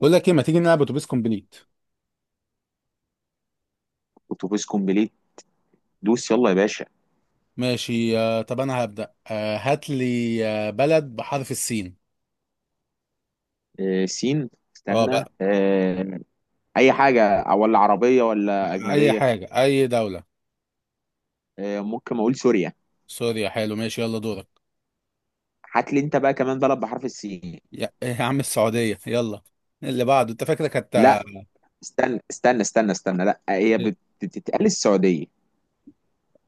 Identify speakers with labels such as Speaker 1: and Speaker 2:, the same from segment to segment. Speaker 1: بقول لك ايه، ما تيجي نلعب اتوبيس كومبليت؟
Speaker 2: اتوبيس كومبليت. دوس يلا يا باشا.
Speaker 1: ماشي. طب انا هبدأ، هات لي بلد بحرف السين.
Speaker 2: سين.
Speaker 1: اه،
Speaker 2: استنى.
Speaker 1: بقى
Speaker 2: اي حاجه، ولا عربيه ولا
Speaker 1: اي
Speaker 2: اجنبيه؟
Speaker 1: حاجة اي دولة.
Speaker 2: ممكن اقول سوريا.
Speaker 1: سوريا، حلو. ماشي يلا دورك.
Speaker 2: هات لي انت بقى كمان بلد بحرف السين.
Speaker 1: يا عم، السعودية، يلا. اللي بعده انت، فاكرك هت.
Speaker 2: لا. استنى. لا، هي بتتقال السعوديه.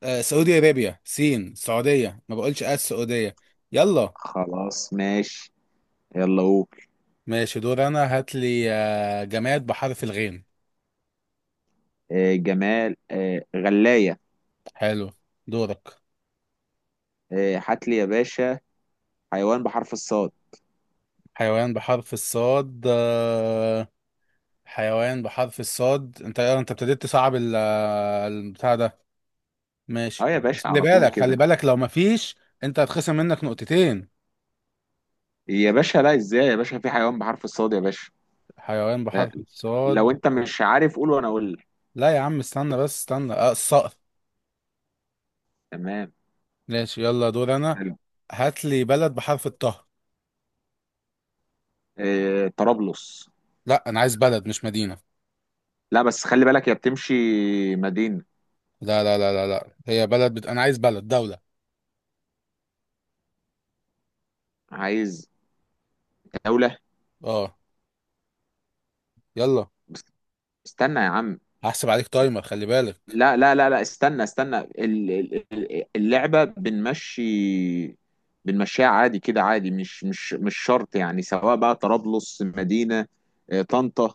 Speaker 1: سعودي ارابيا، سين سعودية، ما بقولش السعودية. يلا.
Speaker 2: خلاص ماشي. يلا قول.
Speaker 1: ماشي، دور انا. هات لي جماد بحرف الغين.
Speaker 2: جمال. غلايه.
Speaker 1: حلو. دورك.
Speaker 2: هات لي يا باشا حيوان بحرف الصاد.
Speaker 1: حيوان بحرف الصاد، حيوان بحرف الصاد، انت ابتديت تصعب البتاع ده، ماشي.
Speaker 2: اه يا باشا،
Speaker 1: خلي
Speaker 2: على طول
Speaker 1: بالك، خلي
Speaker 2: كده.
Speaker 1: بالك لو مفيش انت هتخصم منك نقطتين.
Speaker 2: يا باشا لا، ازاي يا باشا في حيوان بحرف الصاد يا باشا؟
Speaker 1: حيوان
Speaker 2: لا،
Speaker 1: بحرف
Speaker 2: لو
Speaker 1: الصاد.
Speaker 2: انت مش عارف قول وانا اقول لك.
Speaker 1: لا يا عم، استنى بس، استنى، الصقر.
Speaker 2: تمام.
Speaker 1: ماشي، يلا دور انا.
Speaker 2: حلو.
Speaker 1: هات لي بلد بحرف الطه.
Speaker 2: طرابلس.
Speaker 1: لا انا عايز بلد مش مدينة.
Speaker 2: لا بس خلي بالك يا، بتمشي مدينة.
Speaker 1: لا لا لا لا لا، هي بلد انا عايز بلد، دولة.
Speaker 2: عايز دولة.
Speaker 1: اه. يلا.
Speaker 2: بس استنى يا عم.
Speaker 1: هحسب عليك تايمر، خلي بالك.
Speaker 2: لا لا لا لا، استنى، اللعبة بنمشي. بنمشيها عادي كده، عادي، مش شرط يعني، سواء بقى طرابلس مدينة. طنطا.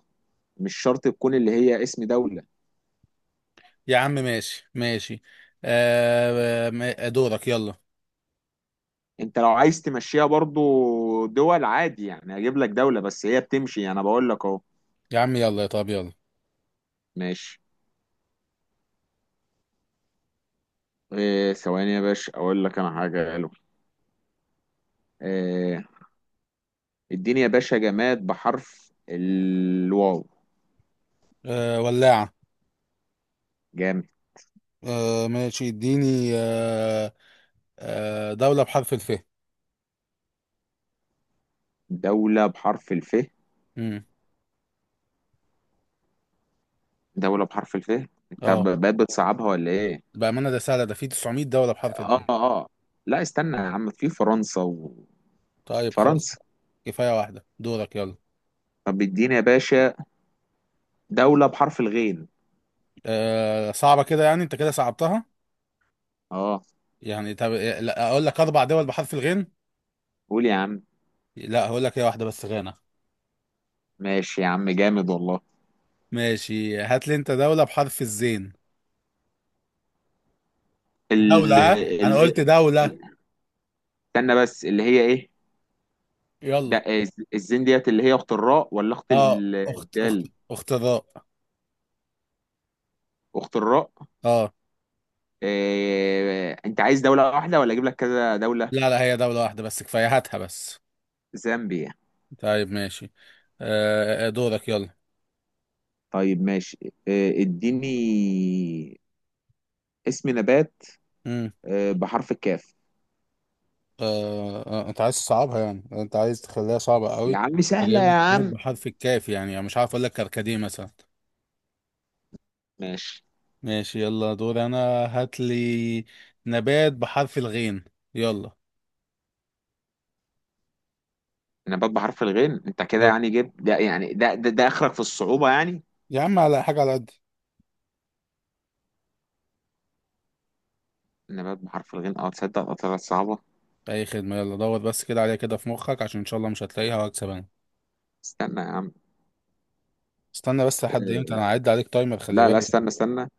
Speaker 2: مش شرط تكون اللي هي اسم دولة.
Speaker 1: يا عم ماشي ماشي. دورك يلا.
Speaker 2: انت لو عايز تمشيها برضو دول عادي يعني، اجيب لك دولة بس هي بتمشي، انا بقول لك اهو.
Speaker 1: يا عم يلا، يا طب يلا.
Speaker 2: ماشي. إيه ثواني يا باشا اقول لك انا حاجة. آه، اديني يا باشا جماد بحرف الواو.
Speaker 1: ولاعة.
Speaker 2: جامد.
Speaker 1: ماشي اديني، دولة بحرف الف.
Speaker 2: دولة بحرف الف.
Speaker 1: امم
Speaker 2: دولة بحرف الف. انت
Speaker 1: اه،
Speaker 2: بقيت بتصعبها ولا ايه؟
Speaker 1: بأمانة ده سهلة، ده في 900 دولة بحرف الف.
Speaker 2: اه اه. لا استنى يا عم، في فرنسا.
Speaker 1: طيب خلاص،
Speaker 2: وفرنسا.
Speaker 1: كفاية واحدة. دورك يلا.
Speaker 2: طب اديني يا باشا دولة بحرف الغين.
Speaker 1: صعبة كده، يعني انت كده صعبتها.
Speaker 2: اه.
Speaker 1: يعني طب إيه، لا اقول لك اربع دول بحرف الغين.
Speaker 2: قول يا عم.
Speaker 1: لا، هقول لك هي واحدة بس، غانا.
Speaker 2: ماشي يا عم، جامد والله.
Speaker 1: ماشي، هات لي انت دولة بحرف الزين. دولة،
Speaker 2: ال
Speaker 1: ها انا
Speaker 2: ال
Speaker 1: قلت دولة.
Speaker 2: استنى بس، اللي هي ايه؟ ده
Speaker 1: يلا.
Speaker 2: الزين ديت اللي هي اخت الراء ولا اخت
Speaker 1: اه، اخت
Speaker 2: الدال؟
Speaker 1: اخت الراء.
Speaker 2: اخت الراء.
Speaker 1: اه.
Speaker 2: إيه، انت عايز دولة واحدة ولا اجيب لك كذا دولة؟
Speaker 1: لا لا، هي دولة واحدة بس، كفاية هاتها بس.
Speaker 2: زامبيا.
Speaker 1: طيب ماشي. دورك يلا.
Speaker 2: طيب ماشي. إيه اديني اسم نبات، إيه، بحرف الكاف.
Speaker 1: انت عايز تصعبها، يعني انت عايز تخليها صعبة
Speaker 2: يا
Speaker 1: قوي.
Speaker 2: عم سهلة
Speaker 1: فجايب
Speaker 2: يا
Speaker 1: لي بيت
Speaker 2: عم.
Speaker 1: بحرف الكاف، يعني مش عارف اقول لك كركديه مثلا.
Speaker 2: ماشي.
Speaker 1: ماشي، يلا دور انا. هات لي نبات بحرف الغين. يلا.
Speaker 2: نبات بحرف الغين، انت كده
Speaker 1: دور.
Speaker 2: يعني جبت ده يعني ده اخرك في الصعوبة يعني.
Speaker 1: يا عم على حاجة على قد.
Speaker 2: نبات بحرف الغين، اه تصدق، اه طلعت صعبة.
Speaker 1: اي خدمة، يلا دور بس كده عليها، كده في مخك، عشان ان شاء الله مش هتلاقيها وهكسب انا.
Speaker 2: استنى يا عم.
Speaker 1: استنى بس لحد امتى، انا هعد عليك تايمر، خلي
Speaker 2: لا لا،
Speaker 1: بالك.
Speaker 2: استنى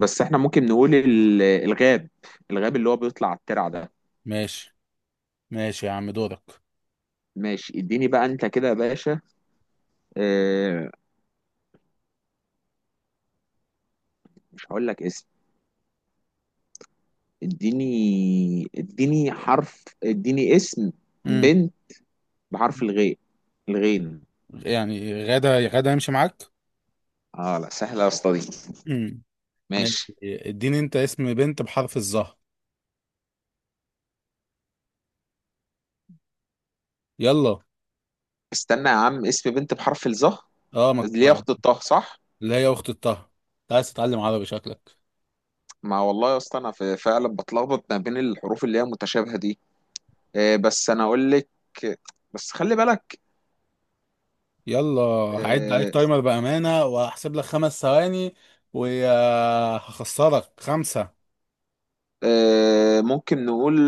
Speaker 2: بس، احنا ممكن نقول الغاب. الغاب اللي هو بيطلع على الترع ده.
Speaker 1: ماشي ماشي، يا عم دورك.
Speaker 2: ماشي، اديني بقى انت كده يا باشا. اه، مش هقول لك اسم. اديني حرف، اديني اسم
Speaker 1: امم
Speaker 2: بنت بحرف الغين. الغين.
Speaker 1: يعني غدا، غدا يمشي معاك.
Speaker 2: اه لا، سهلة يا اسطى دي.
Speaker 1: امم ماشي،
Speaker 2: ماشي.
Speaker 1: اديني انت اسم بنت بحرف الظهر. يلا.
Speaker 2: استنى يا عم، اسم بنت بحرف الظه.
Speaker 1: اه مك...
Speaker 2: اللي هي
Speaker 1: آه،
Speaker 2: اخت الطه، صح؟
Speaker 1: اللي هي اخت الطه. انت عايز تتعلم عربي شكلك.
Speaker 2: ما والله يا اسطى، انا فعلا بتلخبط ما بين الحروف اللي هي متشابهة دي. بس انا اقول لك. بس خلي بالك.
Speaker 1: يلا. هعد عليك
Speaker 2: آه
Speaker 1: تايمر بامانه، وهحسب لك خمس ثواني وهخسرك خمسه.
Speaker 2: ممكن نقول.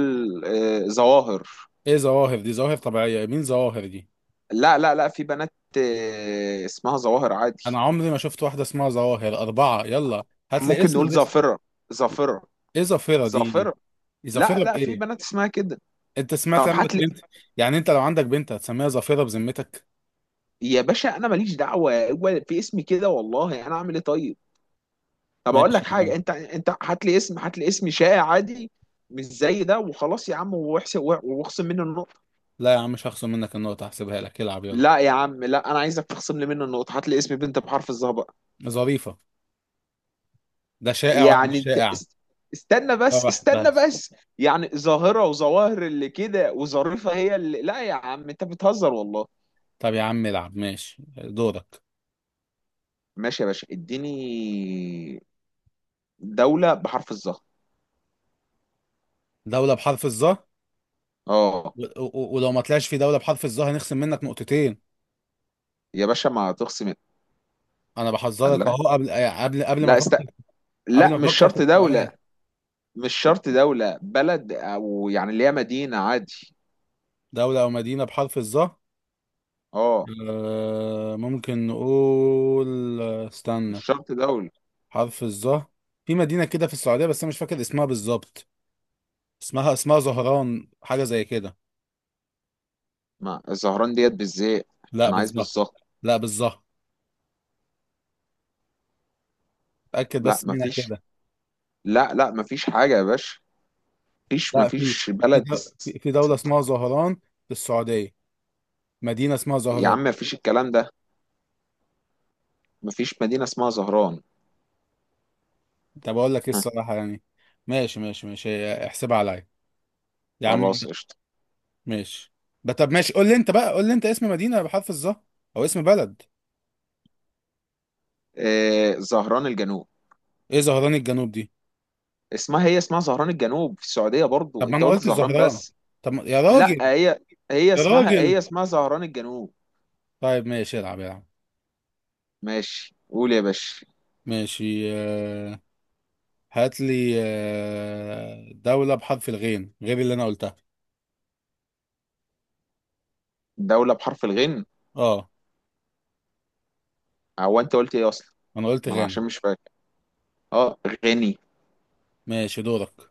Speaker 2: ظواهر.
Speaker 1: ايه ظواهر دي؟ ظواهر طبيعيه؟ مين ظواهر دي؟
Speaker 2: لا لا لا، في بنات. اسمها ظواهر
Speaker 1: انا
Speaker 2: عادي.
Speaker 1: عمري ما شفت واحده اسمها ظواهر. اربعه، يلا هات لي
Speaker 2: ممكن
Speaker 1: اسم
Speaker 2: نقول
Speaker 1: باسم.
Speaker 2: ظافرة. ظافرة.
Speaker 1: ايه ظافره دي؟
Speaker 2: ظافرة.
Speaker 1: إيه ظافره
Speaker 2: لا لا، في
Speaker 1: بايه؟
Speaker 2: بنات اسمها كده.
Speaker 1: انت سمعت
Speaker 2: طب
Speaker 1: عندك
Speaker 2: هات لي.
Speaker 1: بنت؟ يعني انت لو عندك بنت هتسميها ظافره بذمتك؟
Speaker 2: يا باشا انا ماليش دعوه، هو في اسمي كده والله، انا اعمل ايه طيب؟ طب اقول
Speaker 1: ماشي
Speaker 2: لك
Speaker 1: يا عم.
Speaker 2: حاجه، انت هات لي اسم شائع عادي. مش زي ده وخلاص يا عم، واحسب واخصم منه النقطه.
Speaker 1: لا يا عم، مش هخصم منك النقطه، هحسبها لك، العب يلا.
Speaker 2: لا يا عم لا، انا عايزك تخصم لي منه النقطه، هات لي اسم بنت بحرف الظهر بقى.
Speaker 1: ظريفه، ده شائع وانا مش
Speaker 2: يعني انت
Speaker 1: شائع.
Speaker 2: استنى بس
Speaker 1: فرح
Speaker 2: استنى
Speaker 1: بس.
Speaker 2: بس يعني، ظاهره وظواهر اللي كده وظريفه هي اللي، لا يا عم انت بتهزر والله.
Speaker 1: طب يا عم العب، ماشي دورك.
Speaker 2: ماشي يا باشا، اديني دولة بحرف الظهر.
Speaker 1: دولة بحرف الظا.
Speaker 2: اه
Speaker 1: ولو ما طلعش في دولة بحرف الظا هنخصم منك نقطتين.
Speaker 2: يا باشا ما تخصم.
Speaker 1: انا
Speaker 2: قال
Speaker 1: بحذرك
Speaker 2: لها.
Speaker 1: اهو، قبل قبل ما
Speaker 2: لا
Speaker 1: افكر، قبل
Speaker 2: لا
Speaker 1: ما
Speaker 2: مش
Speaker 1: افكر في
Speaker 2: شرط
Speaker 1: السؤال.
Speaker 2: دولة. مش شرط دولة بلد، او يعني اللي هي مدينة عادي.
Speaker 1: دولة او مدينة بحرف الظا.
Speaker 2: اه.
Speaker 1: ممكن نقول،
Speaker 2: مش
Speaker 1: استنى،
Speaker 2: شرط دولة.
Speaker 1: حرف الظا. في مدينة كده في السعودية، بس انا مش فاكر اسمها بالظبط. اسمها زهران، حاجة زي كده.
Speaker 2: ما الزهران ديت بالزيت.
Speaker 1: لا
Speaker 2: انا عايز
Speaker 1: بالظا.
Speaker 2: بالظبط.
Speaker 1: لا بالظا. اتأكد
Speaker 2: لا
Speaker 1: بس
Speaker 2: ما
Speaker 1: منها
Speaker 2: فيش.
Speaker 1: كده.
Speaker 2: لا لا، ما فيش حاجة يا باشا. مفيش
Speaker 1: لا، في.
Speaker 2: مفيش بلد اس-
Speaker 1: في دولة اسمها زهران، في السعودية. مدينة اسمها
Speaker 2: يا
Speaker 1: زهران.
Speaker 2: عم مفيش الكلام ده. مفيش مدينة اسمها زهران.
Speaker 1: طب اقول لك ايه،
Speaker 2: ها،
Speaker 1: الصراحة يعني. ماشي ماشي ماشي، احسبها عليا. يا عم.
Speaker 2: خلاص قشطة.
Speaker 1: ماشي ده طب ماشي، قول لي انت اسم مدينة بحرف الظه او اسم بلد.
Speaker 2: إيه زهران الجنوب.
Speaker 1: ايه زهران الجنوب دي؟
Speaker 2: اسمها، هي اسمها زهران الجنوب في السعودية برضو،
Speaker 1: طب ما
Speaker 2: انت
Speaker 1: انا
Speaker 2: قلت
Speaker 1: قلت
Speaker 2: زهران
Speaker 1: زهران.
Speaker 2: بس.
Speaker 1: طب ما- يا
Speaker 2: لا،
Speaker 1: راجل.
Speaker 2: هي
Speaker 1: يا
Speaker 2: اسمها هي
Speaker 1: راجل.
Speaker 2: اسمها زهران الجنوب.
Speaker 1: طيب ماشي، العب العب.
Speaker 2: ماشي قول يا باشا.
Speaker 1: ماشي، هات لي دولة بحرف الغين غير اللي انا قلتها.
Speaker 2: دولة بحرف الغين.
Speaker 1: اه،
Speaker 2: هو انت قلت ايه اصلا؟
Speaker 1: انا قلت
Speaker 2: ما انا
Speaker 1: غانا.
Speaker 2: عشان مش فاكر. اه. غني.
Speaker 1: ماشي دورك.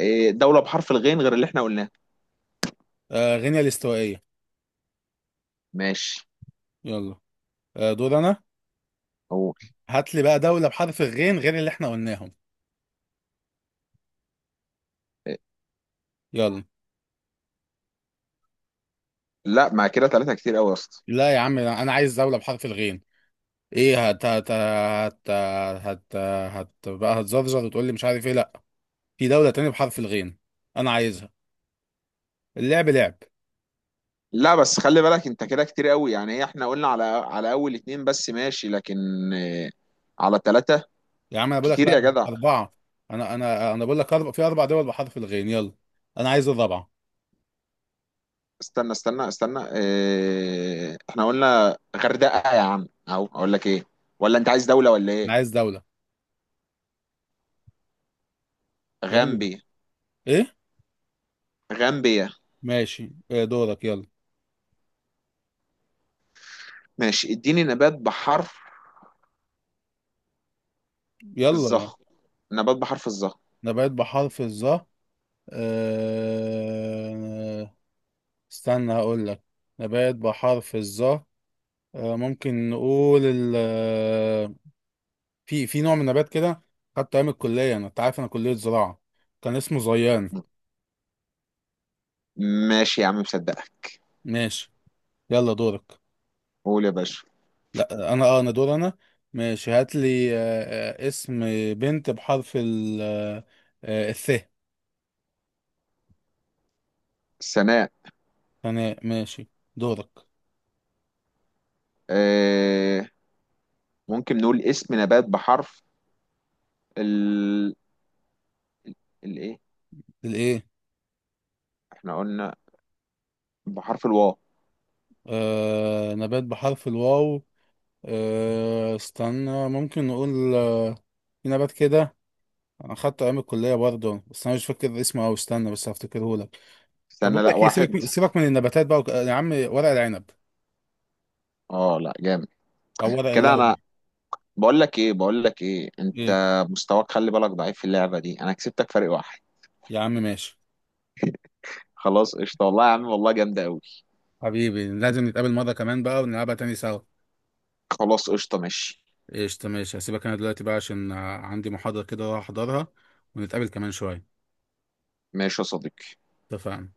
Speaker 2: إيه دولة بحرف الغين غير اللي احنا قلناه.
Speaker 1: غينيا الاستوائية.
Speaker 2: ماشي
Speaker 1: يلا. دور انا.
Speaker 2: قول.
Speaker 1: هات لي بقى دولة بحرف الغين غير اللي احنا قلناهم.
Speaker 2: إيه.
Speaker 1: يلا.
Speaker 2: لا ما كده ثلاثة كتير قوي يا اسطى.
Speaker 1: لا يا عم، انا عايز دولة بحرف الغين. ايه، هت هت هت، هت. هت بقى، هتزرزر وتقول لي مش عارف ايه؟ لا، في دولة تانية بحرف الغين، انا عايزها. اللعب لعب.
Speaker 2: لا بس خلي بالك، انت كده كتير قوي يعني، هي احنا قلنا على اول اتنين بس ماشي، لكن. إيه. على ثلاثة.
Speaker 1: يا عم انا بقول لك،
Speaker 2: كتير يا
Speaker 1: لا،
Speaker 2: جدع.
Speaker 1: أربعة. انا بقول لك أربع، في أربع دول بحرف الغين، يلا. انا عايز الرابعة.
Speaker 2: استنى، إيه احنا قلنا غردقة يا عم اهو، اقول لك ايه. ولا انت عايز دولة ولا
Speaker 1: انا
Speaker 2: ايه؟
Speaker 1: عايز دولة. يلا.
Speaker 2: غامبيا.
Speaker 1: ايه.
Speaker 2: غامبيا.
Speaker 1: ماشي، إيه دورك يلا.
Speaker 2: ماشي اديني نبات بحرف
Speaker 1: يلا.
Speaker 2: الظهر. نبات بحرف الظهر.
Speaker 1: نبات بحرف الظا. آه... استنى، هقول لك. نبات بحرف الظا. ممكن نقول ال آه، في نوع من النبات كده، خدته ايام الكليه انا، انت عارف انا كليه زراعه، كان اسمه زيان.
Speaker 2: ماشي يا عم، مصدقك.
Speaker 1: ماشي. يلا دورك.
Speaker 2: قول يا باشا.
Speaker 1: لا انا، دور انا. ماشي، هات لي اسم بنت بحرف ال آه، آه، الث.
Speaker 2: سناء.
Speaker 1: انا ماشي. دورك.
Speaker 2: آه ممكن نقول اسم نبات بحرف ال الايه.
Speaker 1: الايه.
Speaker 2: احنا قلنا بحرف الواو.
Speaker 1: نبات بحرف الواو. استنى، ممكن نقول في نبات كده، انا خدته ايام الكليه برضه، بس انا مش فاكر اسمه، او استنى بس هفتكره لك. طب
Speaker 2: استنى،
Speaker 1: اقول
Speaker 2: لا
Speaker 1: لك ايه، سيبك
Speaker 2: واحد.
Speaker 1: من سيبك من النباتات بقى، يا عم ورق العنب
Speaker 2: اه لا، جامد.
Speaker 1: او ورق
Speaker 2: كده
Speaker 1: اللورا.
Speaker 2: انا بقول لك ايه، انت
Speaker 1: ايه.
Speaker 2: مستواك خلي بالك ضعيف في اللعبة دي، انا كسبتك فرق واحد.
Speaker 1: يا عم ماشي.
Speaker 2: خلاص قشطة والله يا عم والله، جامدة قوي.
Speaker 1: حبيبي لازم نتقابل مره كمان بقى، ونلعبها تاني سوا.
Speaker 2: خلاص قشطة ماشي.
Speaker 1: قشطه ماشي، هسيبك انا دلوقتي بقى، عشان عندي محاضره كده اروح احضرها ونتقابل كمان شويه.
Speaker 2: ماشي يا صديقي.
Speaker 1: اتفقنا.